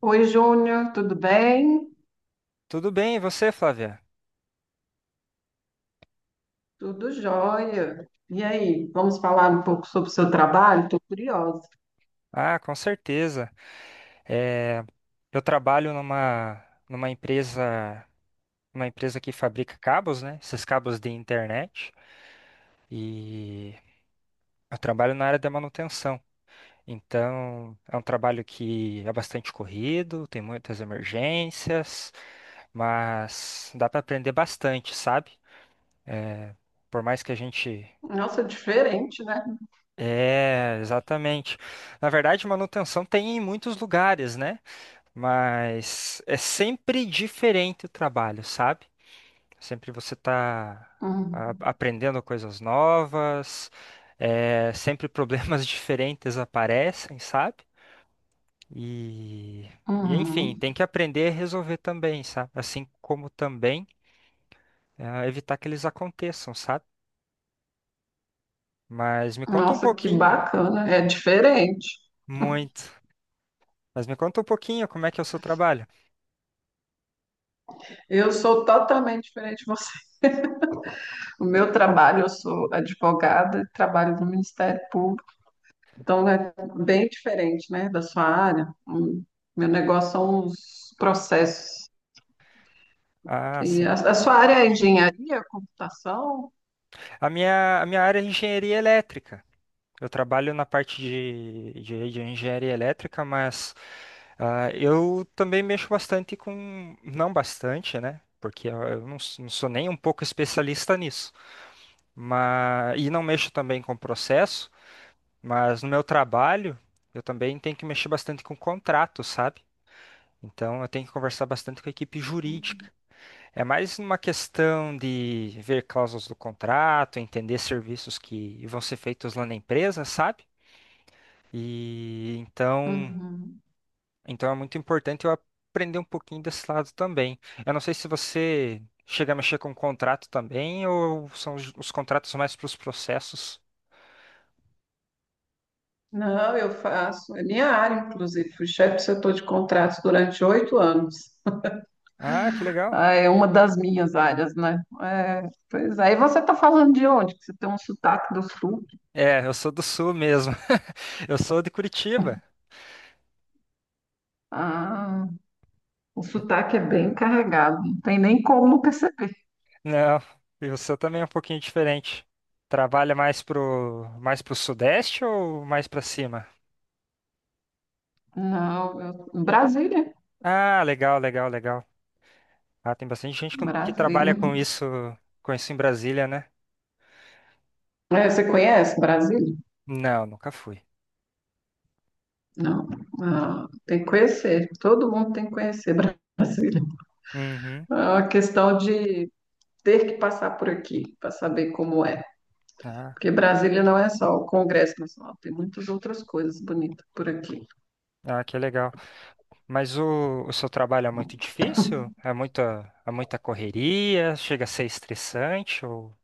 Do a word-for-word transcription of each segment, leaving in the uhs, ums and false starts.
Oi, Júnior, tudo bem? Tudo bem, e você, Flávia? Tudo jóia. E aí, vamos falar um pouco sobre o seu trabalho? Estou curiosa. Ah, com certeza. É, eu trabalho numa, numa empresa, uma empresa que fabrica cabos, né? Esses cabos de internet. E eu trabalho na área da manutenção. Então, é um trabalho que é bastante corrido, tem muitas emergências, mas dá para aprender bastante, sabe? Por mais que a gente. Nossa, é diferente, né? É, exatamente. Na verdade, manutenção tem em muitos lugares, né? Mas é sempre diferente o trabalho, sabe? Sempre você está Uhum. aprendendo coisas novas, é, sempre problemas diferentes aparecem, sabe? E, e enfim, Uhum. tem que aprender a resolver também, sabe? Assim como também ah, evitar que eles aconteçam, sabe? Mas me conta um Nossa, que pouquinho, bacana. É diferente. muito. Mas me conta um pouquinho como é que é o seu trabalho. Eu sou totalmente diferente de você. O meu trabalho, eu sou advogada, trabalho no Ministério Público, então é bem diferente, né, da sua área. Hum. Meu negócio são os processos. Ah, E sim. a, a sua área é engenharia, computação? A minha, a minha área é engenharia elétrica. Eu trabalho na parte de, de, de engenharia elétrica, mas ah, eu também mexo bastante com. Não bastante, né? Porque eu eu não, s- não sou nem um pouco especialista nisso. Mas, e não mexo também com processo, mas no meu trabalho eu também tenho que mexer bastante com contrato, sabe? Então eu tenho que conversar bastante com a equipe jurídica. É mais uma questão de ver cláusulas do contrato, entender serviços que vão ser feitos lá na empresa, sabe? E então, Uhum. então é muito importante eu aprender um pouquinho desse lado também. Eu não sei se você chega a mexer com contrato também ou são os, os contratos mais para os processos. Não, eu faço, é minha área, inclusive. Fui chefe do setor de contratos durante oito anos. Ah, que legal. Ah, é uma das minhas áreas, né? É, pois é. Aí você está falando de onde? Que você tem um sotaque do sul. É, eu sou do sul mesmo. Eu sou de Curitiba. Ah, o sotaque é bem carregado, não tem nem como perceber. Não, e o seu também é um pouquinho diferente. Trabalha mais pro mais pro sudeste ou mais para cima? Não, eu- Brasília, Ah, legal, legal, legal. Ah, tem bastante gente com- que trabalha Brasília. com isso, com isso em Brasília, né? É, você conhece Brasília? Não, nunca fui. Não. Ah, tem que conhecer, todo mundo tem que conhecer Brasília. Uhum. É uma questão de ter que passar por aqui para saber como é. Ah, Porque Brasília não é só o Congresso Nacional, tem muitas outras coisas bonitas por aqui. ah, que legal. Mas o, o seu trabalho é muito difícil? É muita, é muita correria? Chega a ser estressante? Ou,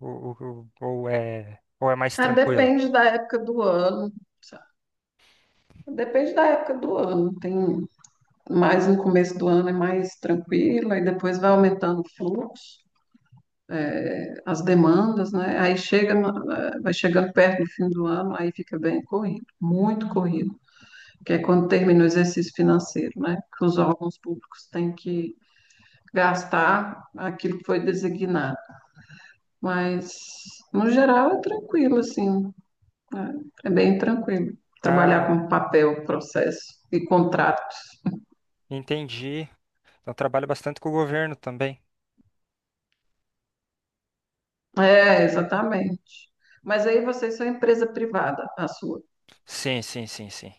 ou, ou, ou é, ou é mais Ah, tranquilo? depende da época do ano, sabe? Depende da época do ano. Tem mais no começo do ano é mais tranquilo, aí depois vai aumentando o fluxo, as demandas, né? Aí chega, na- vai chegando perto do fim do ano, aí fica bem corrido, muito corrido, que é quando termina o exercício financeiro, né? Que os órgãos públicos têm que gastar aquilo que foi designado. Mas, no geral, é tranquilo, assim. É, é bem tranquilo. Ah, Trabalhar com papel, processo e contrato. entendi. Eu trabalho bastante com o governo também. É, exatamente. Mas aí vocês são empresa privada, a sua. Sim, sim, sim, sim.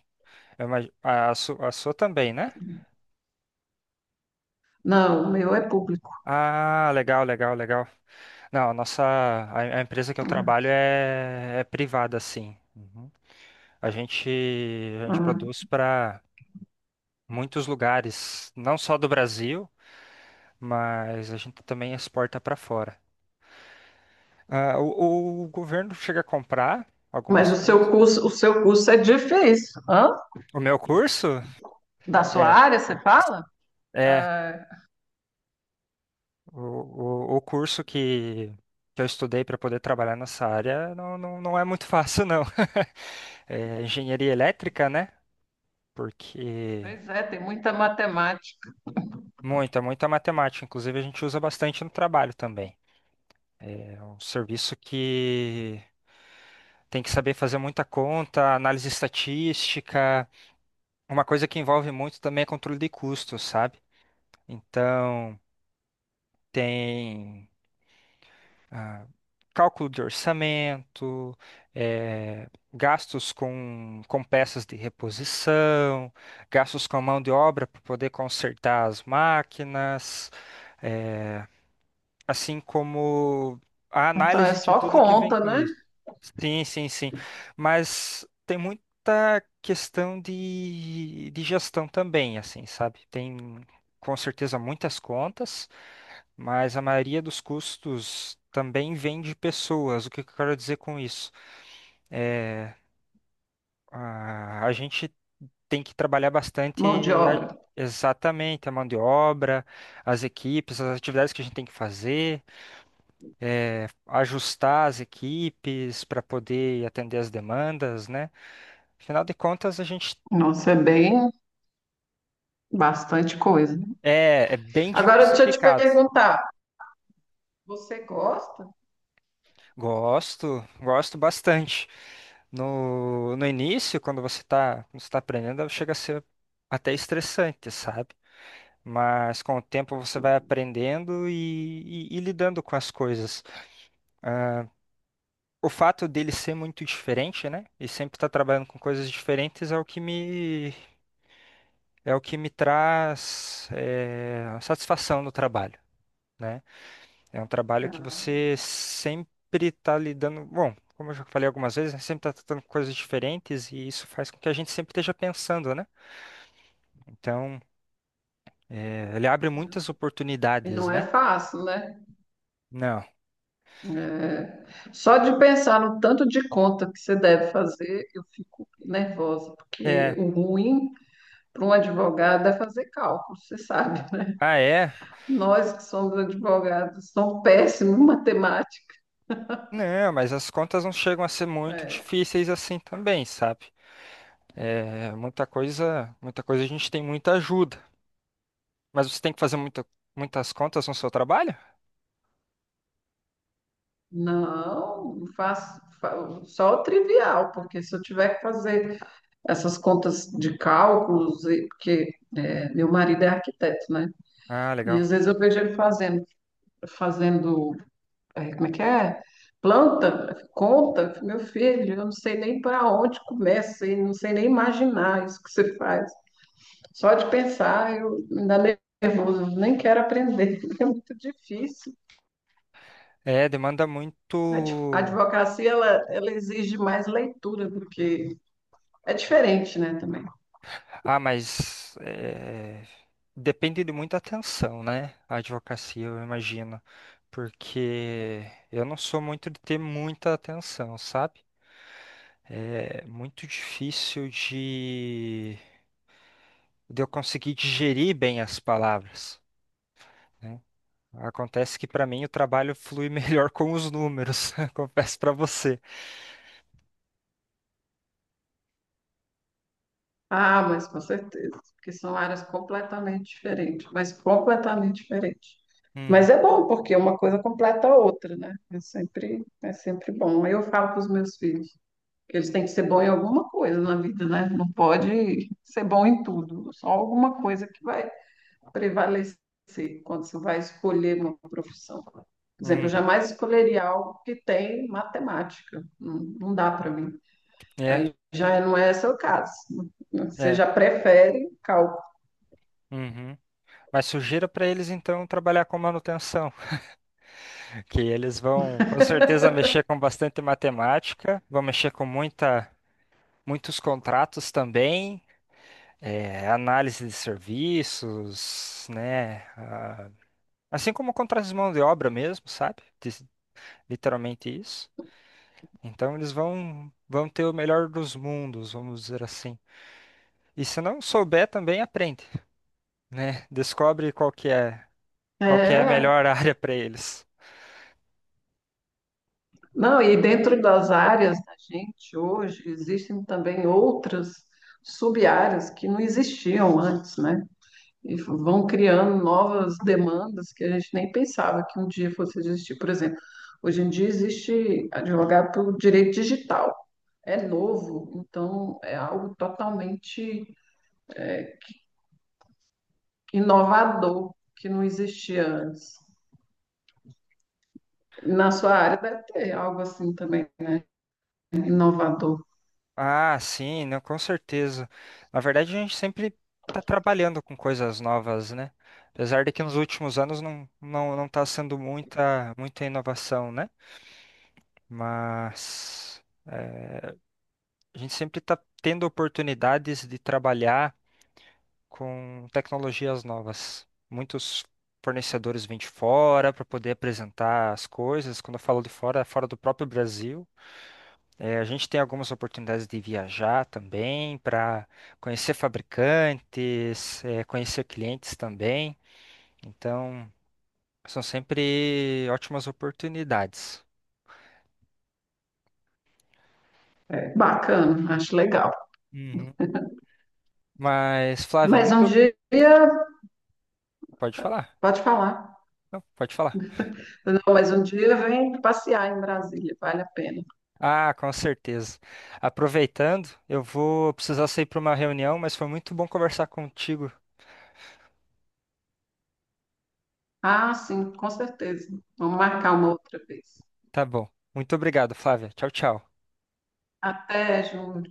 Eu imag- a, a, su- a sua também, né? Não, o meu é público. Ah, legal, legal, legal. Não, a nossa, a, a empresa que eu Né? trabalho é, é privada, sim. Uhum. A gente, a gente Ah, produz para muitos lugares, não só do Brasil, mas a gente também exporta para fora. Ah, o, o governo chega a comprar mas algumas o seu coisas. curso, o seu curso é difícil. Hã? O meu curso Da sua é, área, você fala? é É, o, o, o curso que, que eu estudei para poder trabalhar nessa área não, não, não é muito fácil, não. É, engenharia elétrica, né? Porque pois é, tem muita matemática. muita, muita matemática. Inclusive, a gente usa bastante no trabalho também. É um serviço que tem que saber fazer muita conta, análise estatística. Uma coisa que envolve muito também é controle de custos, sabe? Então, tem ah, cálculo de orçamento, eh, gastos com, com peças de reposição, gastos com mão de obra para poder consertar as máquinas. eh, assim como a Então é análise de só tudo que vem conta, com né? isso. Sim, sim, sim. Mas tem muita questão de, de gestão também, assim, sabe? Tem com certeza muitas contas, mas a maioria dos custos também vem de pessoas. O que que eu quero dizer com isso? É, a, a gente tem que trabalhar Mão de bastante a- obra. exatamente a mão de obra, as equipes, as atividades que a gente tem que fazer eh, ajustar as equipes para poder atender as demandas, né? Afinal de contas, a gente Nossa, é bem bastante coisa. é, é bem Agora deixa eu te diversificado. perguntar. Você gosta? Gosto, gosto bastante. No, no início, quando você está quando você tá aprendendo, chega a ser até estressante, sabe? Mas com o tempo você vai aprendendo e, e, e lidando com as coisas. Ah, o fato dele ser muito diferente, né? E sempre estar trabalhando com coisas diferentes é o que me é o que me traz eh, a satisfação no trabalho, né? É um trabalho que Ah, você sempre está lidando, bom, como eu já falei algumas vezes, né, sempre está tratando com coisas diferentes e isso faz com que a gente sempre esteja pensando, né? Então, eh, ele abre muitas e oportunidades, não é né? fácil, né? Não. É. Só de pensar no tanto de conta que você deve fazer, eu fico nervosa, porque É. o ruim para um advogado é fazer cálculo, você sabe. Ah, é? Nós que somos advogados somos péssimos em matemática. Não, mas as contas não chegam a ser muito É. difíceis assim também, sabe? É, muita coisa, muita coisa a gente tem muita ajuda. Mas você tem que fazer muita, muitas contas no seu trabalho? Não, eu faço, fa- só o trivial, porque se eu tiver que fazer essas contas de cálculos, e- porque é, meu marido é arquiteto, né? Ah, E legal. às vezes eu vejo ele fazendo fazendo, é, como é que é? Planta, conta, meu filho, eu não sei nem para onde começa e não sei nem imaginar isso que você faz. Só de pensar, eu me dá nervoso, eu nem quero aprender, é muito difícil. É, demanda A adv- a muito. advocacia, ela, ela exige mais leitura, porque é diferente, né, também. Ah, mas é, depende de muita atenção, né? A advocacia, eu imagino. Porque eu não sou muito de ter muita atenção, sabe? É muito difícil de, de eu conseguir digerir bem as palavras, né? Acontece que para mim o trabalho flui melhor com os números, confesso para você. Ah, mas com certeza, porque são áreas completamente diferentes, mas completamente diferentes. Uhum, Mas é bom, porque uma coisa completa a outra, né? É sempre, é sempre bom. Eu falo para os meus filhos que eles têm que ser bom em alguma coisa na vida, né? Não pode ser bom em tudo, só alguma coisa que vai prevalecer quando você vai escolher uma profissão. Por exemplo, eu uhum. jamais escolheria algo que tem matemática. Não, não dá para mim. É, Aí já é, não é seu caso. Você é. já prefere cálculo. Uhum. Mas sugiro para eles então trabalhar com manutenção, que eles vão com certeza mexer com bastante matemática, vão mexer com muita, muitos contratos também, eh, análise de serviços, né? ah, assim como contratos de mão de obra mesmo, sabe? Dis- Literalmente isso. Então eles vão, vão ter o melhor dos mundos, vamos dizer assim. E se não souber também aprende, né? Descobre qual que é, qual que é a É, melhor área para eles. não, e dentro das áreas da gente hoje, existem também outras sub-áreas que não existiam antes, né? E vão criando novas demandas que a gente nem pensava que um dia fosse existir. Por exemplo, hoje em dia existe advogado pelo direito digital. É novo, então é algo totalmente inovador que não existia antes. Na sua área deve ter algo assim também, né? Inovador. Ah, sim, não, com certeza. Na verdade, a gente sempre está trabalhando com coisas novas, né? Apesar de que nos últimos anos não não não está sendo muita muita inovação, né? Mas a gente sempre está tendo oportunidades de trabalhar com tecnologias novas. Muitos fornecedores vêm de fora para poder apresentar as coisas. Quando eu falo de fora, é fora do próprio Brasil. É, a gente tem algumas oportunidades de viajar também para conhecer fabricantes, é, conhecer clientes também. Então, são sempre ótimas oportunidades. É, bacana, acho legal. Uhum. Mas, Flávia, é Mas um muito. dia, Pode falar? pode falar. Não, pode falar. Não, mas um dia vem passear em Brasília, vale a pena. Ah, com certeza. Aproveitando, eu vou precisar sair para uma reunião, mas foi muito bom conversar contigo. Ah, sim, com certeza. Vamos marcar uma outra vez. Tá bom. Muito obrigado, Flávia. Tchau, tchau. Até, Júnior.